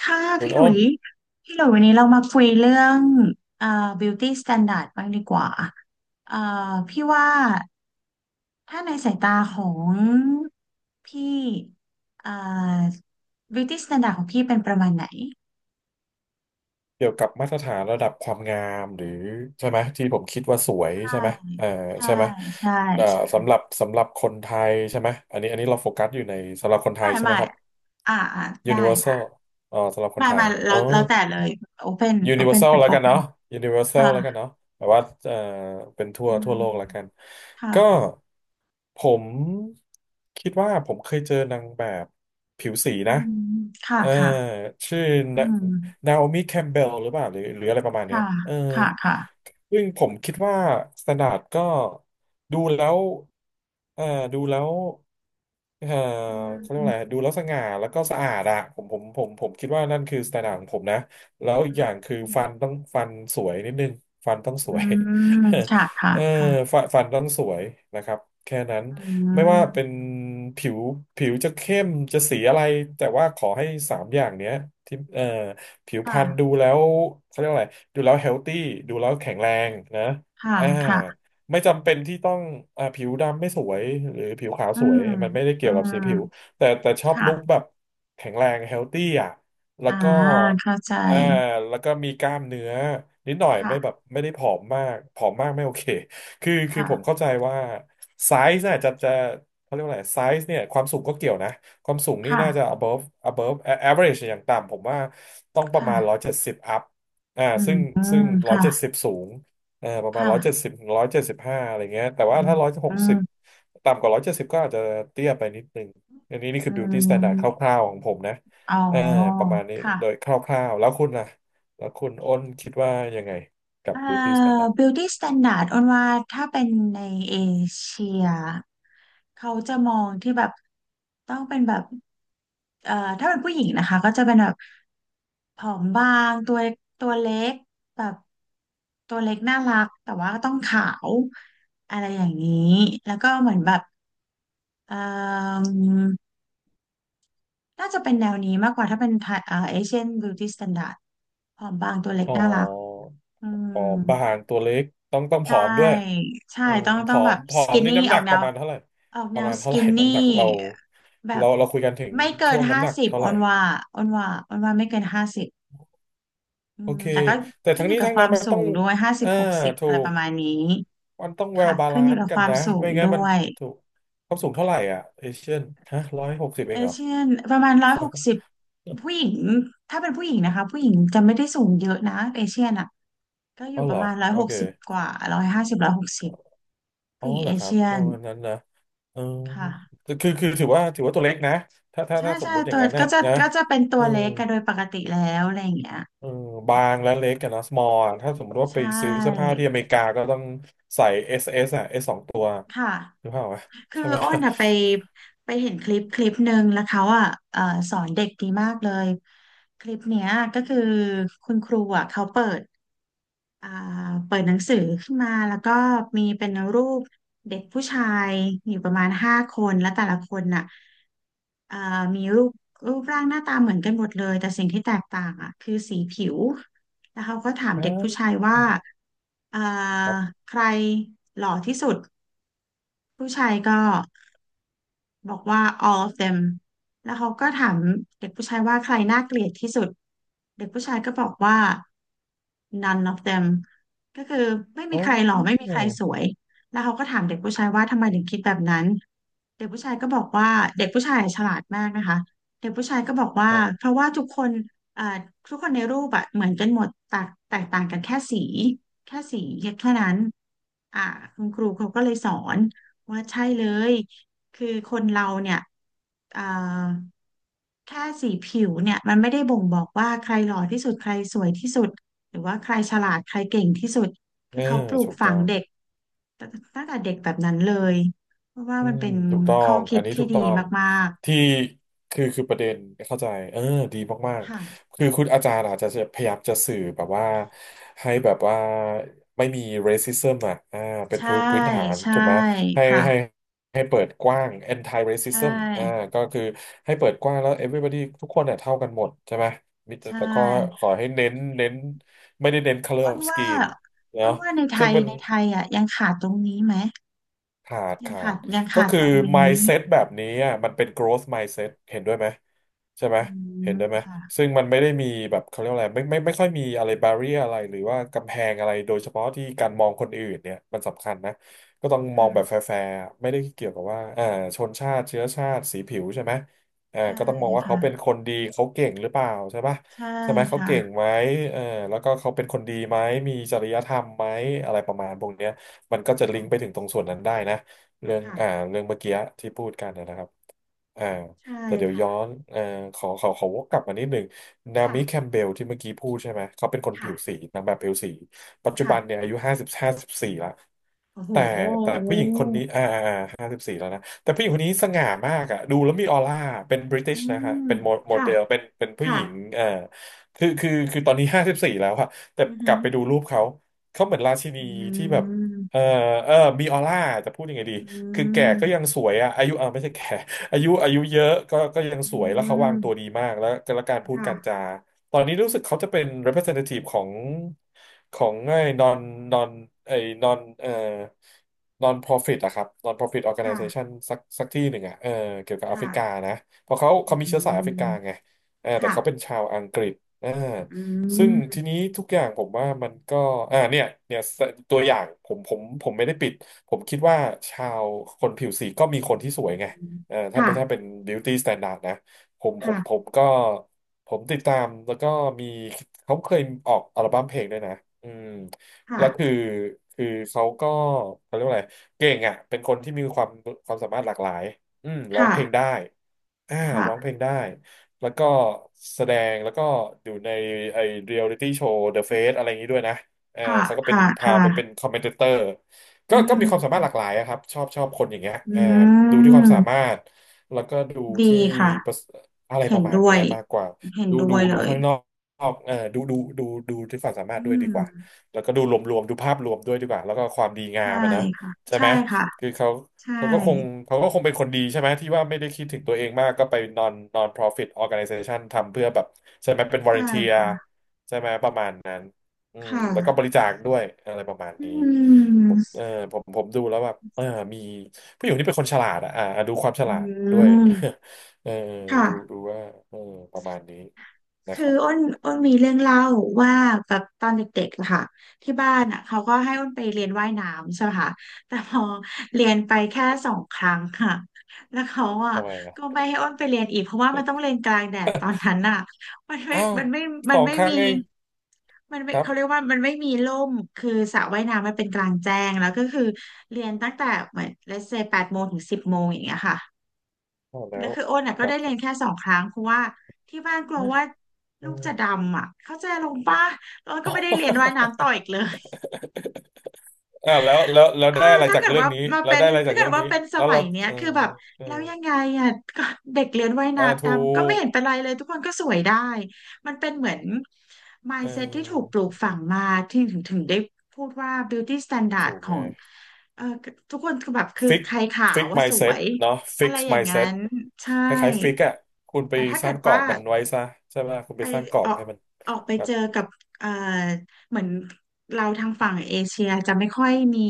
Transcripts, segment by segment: ค่ะคุณพี่หลุอ้นยพี่หลุยวันนี้เรามาคุยเรื่องเอ่อ beauty standard บ้างดีกว่าเอ่อพี่ว่าถ้าในสายตาของพี่เอ่อ beauty standard ของพี่เป็นประมาณไหนเกี่ยวกับมาตรฐานระดับความงามหรือใช่ไหมที่ผมคิดว่าสวยใช่ไหมเออใช่ใช่ไหมใช่เอ่อใช่สำหรับคนไทยใช่ไหมอันนี้เราโฟกัสอยู่ในสำหรับคนไทใช่หยมายใช่หไหมมายครับ อ่าอ่าได้ค่ะ Universal อ๋อสำหรับคหนมายไทหยมายเราอ๋อ เราแต่เลย open ยูนิเวอร์ open แซลเป็น แล้วกัน open เนาะยูนิเวอร์แซลแล้วกันค่ะเนาะแบบว่าเป็นทั่วอืทั่วโลกแล้วกันมก็ค่ะผมคิดว่าผมเคยเจอนางแบบผิวสีอืนะมค่ะเออค่ะชื่ออืมนาโอมิแคมเบลหรือเปล่าหรืออะไรประมาณเนี้ยค่ะเออค่ะค่ะซึ่งผมคิดว่าสแตนดาร์ดก็ดูแล้วเออดูแล้วเอออืเขาเรียกว่าอะไรม ดูแล้วสง่าแล้วก็สะอาดอะผมคิดว่านั่นคือสไตล์ของผมนะ แล้วอีอืกอย่างมคือฟันต้องฟันสวยนิดนึงฟันต้องสวย ค่ะ ค่ะเออค่ะฟันต้องสวยนะครับ แค่นั้นอืไม่ว่าเป็นมผิวผิวจะเข้มจะสีอะไรแต่ว่าขอให้สามอย่างเนี้ยที่ผิวพรรณดูค่ะแล้วเขาเรียกว่าอะไรดูแล้วเฮลตี้ดูแล้วแข็งแรงนะค่ะอ่าค่ะไม่จำเป็นที่ต้องอ่าผิวดำไม่สวยหรือผิวขาวอืสวยมมันไม่ได้อืเกี่ยวกับสีมผิวแต่ชอบค่ะลุคแบบแข็งแรงเฮลตี้อ่ะแล้วอ่าก็ เข้าใจอ่าแล้วก็มีกล้ามเนื้อนิดหน่อยค่ะไม่แบบไม่ได้ผอมมากไม่โอเค คือค่ะผมเข้าใจว่าไซส์น่ะจะเขาเรียกว่าอะไรไซส์เนี่ยความสูงก็เกี่ยวนะความสูงนี่ค่ะน่าจะ above average อย่างต่ำผมว่าต้องประค่ะมาณ170 up อ่าอืซึ่มงซึ่งค่ะ170สบสูงประมาณค่ะ170 175อยเจ็ดสิบ175อะไรเงี้ยแต่อืว่ามถ้าอื160มต่ำกว่า170ก็อาจจะเตี้ยไปนิดนึงอันนี้นี่คือือ beauty standard คมร่าวๆของผมนะ อ๋เอออประมาณนี้โดยคค่ะ ร่าวๆแล้วคุณล่ะแล้วคุณอ้นคิดว่ายังไงกับ เอ่อ beauty standard beauty standard อ้นว่าถ้าเป็นในเอเชียเขาจะมองที่แบบต้องเป็นแบบถ้าเป็นผู้หญิงนะคะก็จะเป็นแบบผอมบางตัวเล็กแบบตัวเล็กน่ารักแต่ว่าก็ต้องขาวอะไรอย่างนี้แล้วก็เหมือนแบบเอ่อน่าจะเป็นแนวนี้มากกว่าถ้าเป็นไทยเอเชียนบิวตี้สแตนดาร์ดผอมบางตัวเล็กอ๋อน่ารักอืผอม มบางตัวเล็กต้องผใช่อมด้วยใช่เออต้องผต้องอแบมบผอสมกินนี่นี่น้ำหอนัอกกแนปวระมาณเท่าไหร่ ประมาณสเท่าไหกิร่นนี่น้ำหนักเราแบบเราเราคุยกันถึงไม่เกิช่นวงห้าน้ำหนักสิบเท่าอไหอร่นว่าไม่เกินห้าสิบอืโอมเค แต่ก็แต่ขึ้นทั้งอยู่นี้กับทั้งคนั้วานมมันสูต้องงด้วยห้าสิอ่าบหกสิบถูอะไรปก ระมาณนี้มันต้องแว ค่ะ l บาขึ้นลาอยู่นซ์กับกัคนวามนะ สูไม่งงั้นมัด้นวยถูกเขาสูงเท่าไหร่อ่ะเอเชียนฮะร้อยหกสิบเอเองเหรอเชียนประมาณร้อยหกสิบผู้หญิงถ้าเป็นผู้หญิงนะคะผู้หญิงจะไม่ได้สูงเยอะนะเอเชียนอ่ะก็ออ๋ยู่อาปเหรระอมาณร้อยโอหกเค สิบกว่า150ร้อยหกสิบอ๋อผู้หญิงเหรเออครับเชียปนระมาณนั้นนะเออค่ะ คือถือว่าตัวเล็กนะถ้าถ้าใช่ถ้าสมใช่มุติอตัย่างวนั้นเนี่ก็ยจะนะก็จะเป็นตัเอวอเล็กกันโดยปกติแล้วอะไรอย่างเงี้ยเออบางและเล็กกันนะ small อะถ้าสมมติว่าไปใช่ซื้อเสื้อผ้าที่อเมริกาก็ต้องใส่ S อสอ่ะ S สสองตัวค่ะหรือเปล่าวะคือใช่ไหมอ้นอะไปไปเห็นคลิปหนึ่งแล้วเขาอะเอ่อสอนเด็กดีมากเลยคลิปเนี้ยก็คือคุณครูอะเขาเปิด อ่าเปิดหนังสือขึ้นมาแล้วก็มีเป็นรูปเด็กผู้ชายอยู่ประมาณห้าคนและแต่ละคนน่ะอ่ามีรูปร่างหน้าตาเหมือนกันหมดเลยแต่สิ่งที่แตกต่างอ่ะคือสีผิวแล้วเขาก็ถามอ่า เด็กผู้ชายว่าอ่า ครับใครหล่อที่สุดผู้ชายก็ บอกว่า all of them แล้วเขาก็ถามเด็กผู้ชายว่าใครน่าเกลียดที่สุดเด็กผู้ชายก็บอกว่า none of them ก็คือไม่อ๋มีอใครหล่อไม่มีใครสวยแล้วเขาก็ถามเด็กผู้ชายว่าทำไมถึงคิดแบบนั้นเด็กผู้ชายก็บอกว่าเด็กผู้ชายฉลาดมากนะคะเด็กผู้ชายก็บอกว่าครัเพบราะว่าทุกคนเอ่อทุกคนในรูปอะเหมือนกันหมดแตกต่างกันแค่สีแค่านั้นอ่าคุณครูเขาก็เลยสอนว่าใช่เลย คือคนเราเนี่ยเอ่อแค่สีผิวเนี่ยมันไม่ได้บ่งบอกว่าใครหล่อที่สุดใครสวยที่สุดหรือว่าใครฉลาดใครเก่งที่สุดเอคืออเขาปลูกถูกฝัต้องง เด็กตตั้งแต่เด็กแบบนั้นเลยเพราะว่าอืมันมเป็นถูกต้อข้องคิอัดนนี้ที่ถูกดีต้องมากที่คือประเด็นเข้าใจเออดีมาๆกค่ะๆคือคุณอาจารย์อาจจะพยายามจะสื่อแบบว่าให้แบบว่าไม่มี racism อ่ะอ่าเป็นใช่พื้นฐานใช่ถูกไหมให้ให้ค่ะให้เปิดกว้าง anti ใช racism อ่า่ก็คือให้เปิดกว้างแล้ว everybody ทุกคนเนี่ยเท่ากันหมดใช่ไหมมีแต่ใช่แต่ก็ขอให้เน้นไม่ได้เน้น color อ้น of ว่า skin อ้เนาะนว่าในไทซึ่งยมัน ในไทยอ่ะยังขาดตรงนี้ไหมขาดขาดยังก็ขาดคืตอ รงนี้ mindset แบบนี้อ่ะมันเป็น growth mindset เห็นด้วยไหมใช่ไหมอืเห็มนด้วยไหมค่ซึ่งมันไม่ได้มีแบบเขาเรียกว่าอะไรไม่ค่อยมีอะไร barrier อะไรหรือว่ากำแพงอะไรโดยเฉพาะที่การมองคนอื่นเนี่ยมันสำคัญนะก็ต้องมองแบบแฟะ ร์ๆไม่ได้เกี่ยวกับว่าอ่าชนชาติเชื้อชาติสีผิวใช่ไหมอ่าใช่ก็ต้องมองว่าเขาเป็นคค่ะนดีเขาเก่งหรือเปล่าใช่ปะใช่ใช่ไหมเขาค่ะเก่งไหมเออแล้วก็เขาเป็นคนดีไหมมีจริยธรรมไหมอะไรประมาณพวกเนี้ย มันก็จะลิงก์ไปค่ะถึงตรงส่วนนั้นได้นะเรื่องค่ะอ่าเรื่องเมื่อกี้ที่พูดกันนะครับอ่าใช่แต่เดี๋ยวย้อค่ะนขอวกกลับมานิดหนึ่งนาค่ะมิแคมเบลที่เมื่อกี้พูดใช่ไหมเขาเป็นคนผิวสีค่ะนางแบบผิวสีปัจจุบันเนี่ค่ะยอายุห้าสิบสี่ละโอ้โหแต่แต่โอ้ผู้หญิง แต่ผู้หญิงคนนี้สง่ามากอะดูแล้วมีออร่าเป็นบริติอืชนะฮะมเป็นโมค่ะเดลเป็นผู้หค่ะญิงคือตอนนี้ห้าสิบสี่แล้วอะแต่อือกหืลัอบไปดูรูปเขาเขาเหมือนราชินีอืที่แบบมเออเออมีออร่าจะพูดยังไงดีอืคือแก่มก็ยังสวยอะอายุเออไม่ใช่แก่ อายุเยอะก็ยังอืสวยแล้วเขาวางตัวดีมมากแล้วแล้วการพูดการจา ค่ะตอนนี้รู้สึกเขาจะเป็น representative ของของไอ้ non ไอ้ non เอ่อ non profit อะครับ non profit ค่ะ organization สักที่หนึ่งอะเออเกี่ยวกับแอฟค่ะริกานะเพราะเขาอืเขามีเชื้อสายแอฟริกาไงมเออแต่ค่ะเขาเป็นชาวอังกฤษเอออืซึ่งทีมนี้ทุกอย่างผมว่ามันก็เนี่ยตัวอย่างผมไม่ได้ปิด ผมคิดว่าชาวคนผิวสีก็มีคนที่สวยไงเออถ้าค่ะเป็น beauty standard นะ ผมค่ะก็ผมติดตามแล้วก็มีเขาเคยออกอัลบั้มเพลงด้วยนะอืมค่ะแล้วคือคือเขาก็เขาเรียกว่าอะไรเก่งอ่ะเป็นคนที่มีความความสามารถหลากหลายอืมร้องเพลงได้ ค่ะอ่าร้องเพค่ะลงได้แล้วก็แสดงแล้วก็อยู่ในไอเรียลิตี้โชว์ The Face อะไรอย่างนี้ด้วยนะเออค่ะเขาก็เป็นค่ะคพาไปเป็น่ะคอมเมนเตอร์อืก็มีความสามามรถหลากหลายอะครับชอบคนอย่างเงี้ยอืเออดูที่ความสามามรถแล้วก็ดูดีที่ค่ะประสอะไรปเห็นระมาณด้วเนี้ยยมากกว่าเห็นดูด้ดูวยเลดูย ข้างนอกเออดูที่ความสามารอืถด้วยดีกว่ามแล้วก็ดูรวมๆดูภาพรวมด้วยดีกว่าแล้วก็ความดีงาใช่มอะนะค่ะใช่ใช่ไหมค่ะคือเขา ใช่เขาก็คงเขาก็คงเป็นคนดีใช่ไหมที่ว่าไม่ได้คิดถึงตัวเองมากก็ไป non profit organization ทำเพื่อแบบใช่ไหมเป็น ใช่ volunteer ค่ะใช่ไหมประมาณนั้นอืมค่ะแล้วก็บริจาคด้วยอะไรประมาณอืนี้ผมมเออผมดูแล้วแบบเออมีผู้หญิงที่เป็นคนฉลาดอะอ่าดูความฉอืลาดด้วย ม เออดูดูค่ะ ว่าเออประมาณนี้นะคืคอรับอ้นมีเรื่องเล่าว่าแบบตอนเด็กๆอะค่ะที่บ้านอ่ะเขาก็ให้อ้นไปเรียนว่ายน้ำใช่ไหมคะแต่พอเรียนไปแค่สองครั้งค่ะแล้วเขาอ่ะทำไมอะก็ไม่ให้อ้นไปเรียนอีกเพราะว่ามันต้องเรียนกลางแดดตอนนั้นอ่ะมันไม่อ้าวมันไม่สมันองไม่ครั้งมีเองมันไม่ครัเขาเรียบกว่ามันไม่มีร่มคือสระว่ายน้ำมันเป็นกลางแจ้งแล้วก็คือเรียนตั้งแต่เหมือน let's say 8 โมงถึง10 โมงอย่างเงี้ยค่ะ พอแล้แล้ววคือโอนเนี่ยคก็รัได้บคเรียรันบแค่สองครั้งเพราะว่าที่บ้านกลัวว่าลูกจะดเออ ำอ่ะเข้าใจลงป่ะแล้วก็ไม่ได้เรียนว่ายน้ำต่ออีกเลย อ่าแล้วแล้วแล้วเออได้อะไรถ้าจากเกิดเรื่องว่านี้มาแล้วเป็นได้อะไรถ้าจากเกิเรื่ดองว่านี้เป็นสแล้วมัเรายเนี้ยเออคือแบบเออแล้วยังไงอ่ะ ก็เด็กเรียนว่ายอ่าน้ำถูตามก็ไม่กเห็นเป็นไรเลยทุกคนก็สวยได้มันเป็นเหมือน เ mindset ที่ถูกปออลูกฝังมาที่ถึงได้พูดว่า beauty standard ถูกขอไงงเออทุกคนคือแบบคือฟิกใครขาฟิวก ว่าสว mindset ยเนาะฟิอะก ไรอย่างนั้ mindset นใช่คล้ายๆฟิกอ่ะคุณไปแต่ถ้าสเกิร้าดงกรอว่า บมันไว้ซะใช่ไหมคุณไปไปสร้างกรออบอกให้มันออกไปครัเจบอกับเอ่อเหมือนเราทางฝั่งเอเชียจะไม่ค่อยมี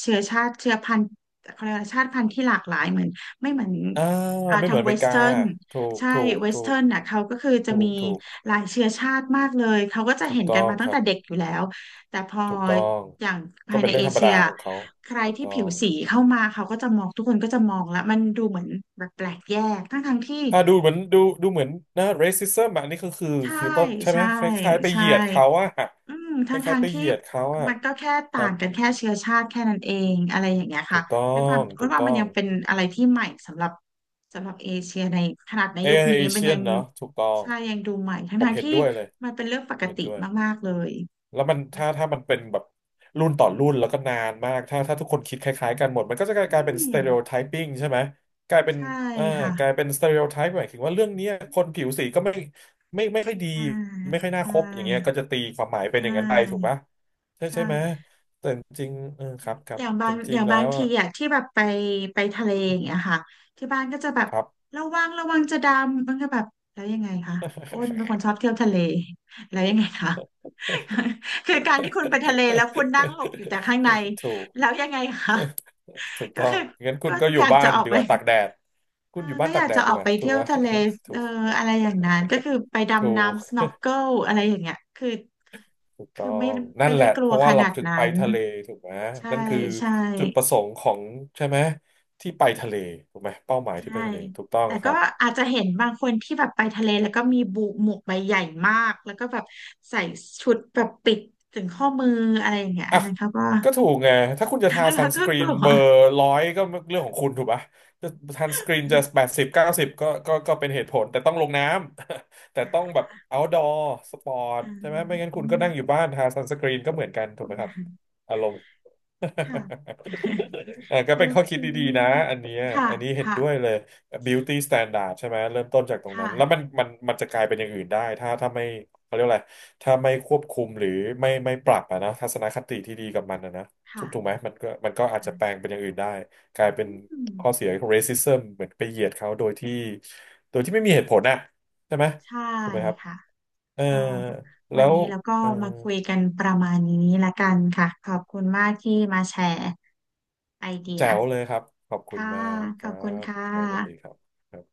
เชื้อชาติเชื้อพันธุ์เขาเรียกว่าชาติพันธุ์ที่หลากหลายเหมือนไม่เหมือนอ่าไม่ทาเหงมือนอเวเมริสกาเทิร์นใช่เวสถูเทิกร์นน่ะเขาก็คือจะถูมีกถูกหลายเชื้อชาติมากเลยเขาก็จะเห็นต้กัอนงมาตั้คงรัแต่บเด็กอยู่แล้วแต่พอถูกต้องอย่างก็ภายเป็ในนเรื่อเองธรรมเชีดายของเขาใครถูกที่ต้อผิวง สีเข้ามาเขาก็จะมองทุกคนก็จะมองแล้วมันดูเหมือนแบบแปลกแยกทั้งที่อ่ะดูเหมือนเหมือนนะ racism อะอันนี้ก็คือใช่คือต้นใช่ไหมใช่คล้ายๆไปเหใช่ ยียดเขาอะอืมคทั้งล้าทายๆงไปเหที่ยียดเขาอะมันก็แค่คต่ารับงกันแค่เชื้อชาติแค่นั้นเองอะไรอย่างเงี้ยถูค่ะกต้อด้วยความงรู้ถูกว่าต้มัอนงยังเป็นอะไรที่ใหม่สำหรับสำหรับเอเชียในขนาดในเอยุคนี้มันเชียยันงเนาะถูกต้องใช่ยังดูใหม่ทั้งผมทางเห็นที่ด้วยเลยมันเป็นเรื่องปผกมเห็นติด้วย มากๆเลยแล้วมันถ้ามันเป็นแบบรุ่นต่อรุ่นแล้วก็นานมากถ้าทุกคนคิดคล้ายๆกันหมดมันก็จะกอืลายเป็น ม stereotyping ใช่ไหมกลายเป็นใช่เอ่อกลายค่ะเป็น stereotype หมายถึงว่าเรื่องเนี้ยคนผิวสีก็ไม่ไม่ค่อยดีอ่าไม่ค่อยน่าคใช่บอย่างเงี้ยก็จะตีความหมายใชเป็นอย่างนั้นไปถูก่ปะใช่ใช่ ใช่ไหมจริงเออครับครัอบย่างบาจงอริงย่างๆแล้บางวทีอะอ่ะที่แบบไปไปทะเลอย่างเงี้ยค่ะที่บ้านก็จะแบบครับ ระวังระวังจะดำมันก็แบบแล้วยังไงคะอ้นเป็นคนชอบเที่ยวทะเลแล้วยังไงคะ คือการที่คุณไปทะเลแล้วคุณนั่งหลบอยู่แต่ข้างใน ถูก แล้วยังไงคะ ถูก ก็ต้องคืองั้นคุก็ณก็ออยู่ยากบ้าจะนออกดีไปกว่าตากแดดเอคุอณอยู่บ้าก็นอตากยากแดจะดอดีอกกไปว่าถูเที่กยวไหม ทะเล ถูเออกอะไรอย่างนั้นก็คือไปถูดำน้ำ ก s n กเกิลอะไรอย่างเงี้ยคือถูกต้คืออไม่งนั่ไม่นแหได้ละกเพลัวราะขว่าเรานาดถึงไปนั้นทะเลถูกไหมใช่นั่นคือใช่ จุดประสงค์ของใช่ไหมที่ไปทะเลถูกไหมเป้าหมายที่ใช่ ไปทะเลถูกต้องแต่คก็รับ อาจจะเห็นบางคนที่แบบไปทะเลแล้วก็มีบุหมวกใบใหญ่มากแล้วก็แบบใส่ชุดแบบปิดถึงข้อมืออะไรอย่างเงี้ยอัอ่ะนนั้นเขาก็ ก็ถูกไงถ้าคุณจะทา ซัเรานสก็กรีกนลัว เบอร์ร้อยก็เรื่องของคุณถูกปะจะซันสกรีนจะแป ดสิบเก้าสิบก็เป็นเหตุผลแต่ต้องลงน้ำ แต่ต้องแบบ outdoor สปอร์ตอืใช่ไหมไม่งั้นคุณก็นั่งอยู่มบ้านทาซันสกรีนก็เหมือนกันถูกไหมครับอารมณ์ ค่ะ เออ ก็โอเป็นข้อเค คิดดีๆนะอันเนี้ยค่ะ อันนี้เห็นค่ะ ด้วยเลย beauty standard ใช่ไหมเริ่มต้นจากตรคงนั้นแล้วมัน่ะมันจะกลายเป็นอย่างอื่นได้ถ้าไม่เขาเรียกอะไรถ้าไม่ควบคุมหรือไม่ปรับอะนะทัศนคติที่ดีกับมันอะนะถูค่ะกถูกไหมมันก็อาจจะแปลงเป็นอย่างอื่นได้กลายเป็นอืข้อเสีมยของ racism เหมือนไปเหยียดเขาโดยที่โดยที่ไม่มีเหตุผลอะใช่ไหมใช่ถูกไหมครับค่ะ เออก็วัแล้นวนี้เราก็เออมาคุยกันประมาณนี้ละกันค่ะ ขอบคุณมากที่มาแชร์ไอเดีย แจ๋วเลยครับขอบคุณค่ะ มากคขอรับคุณบค่ะครับสวัสดีครับ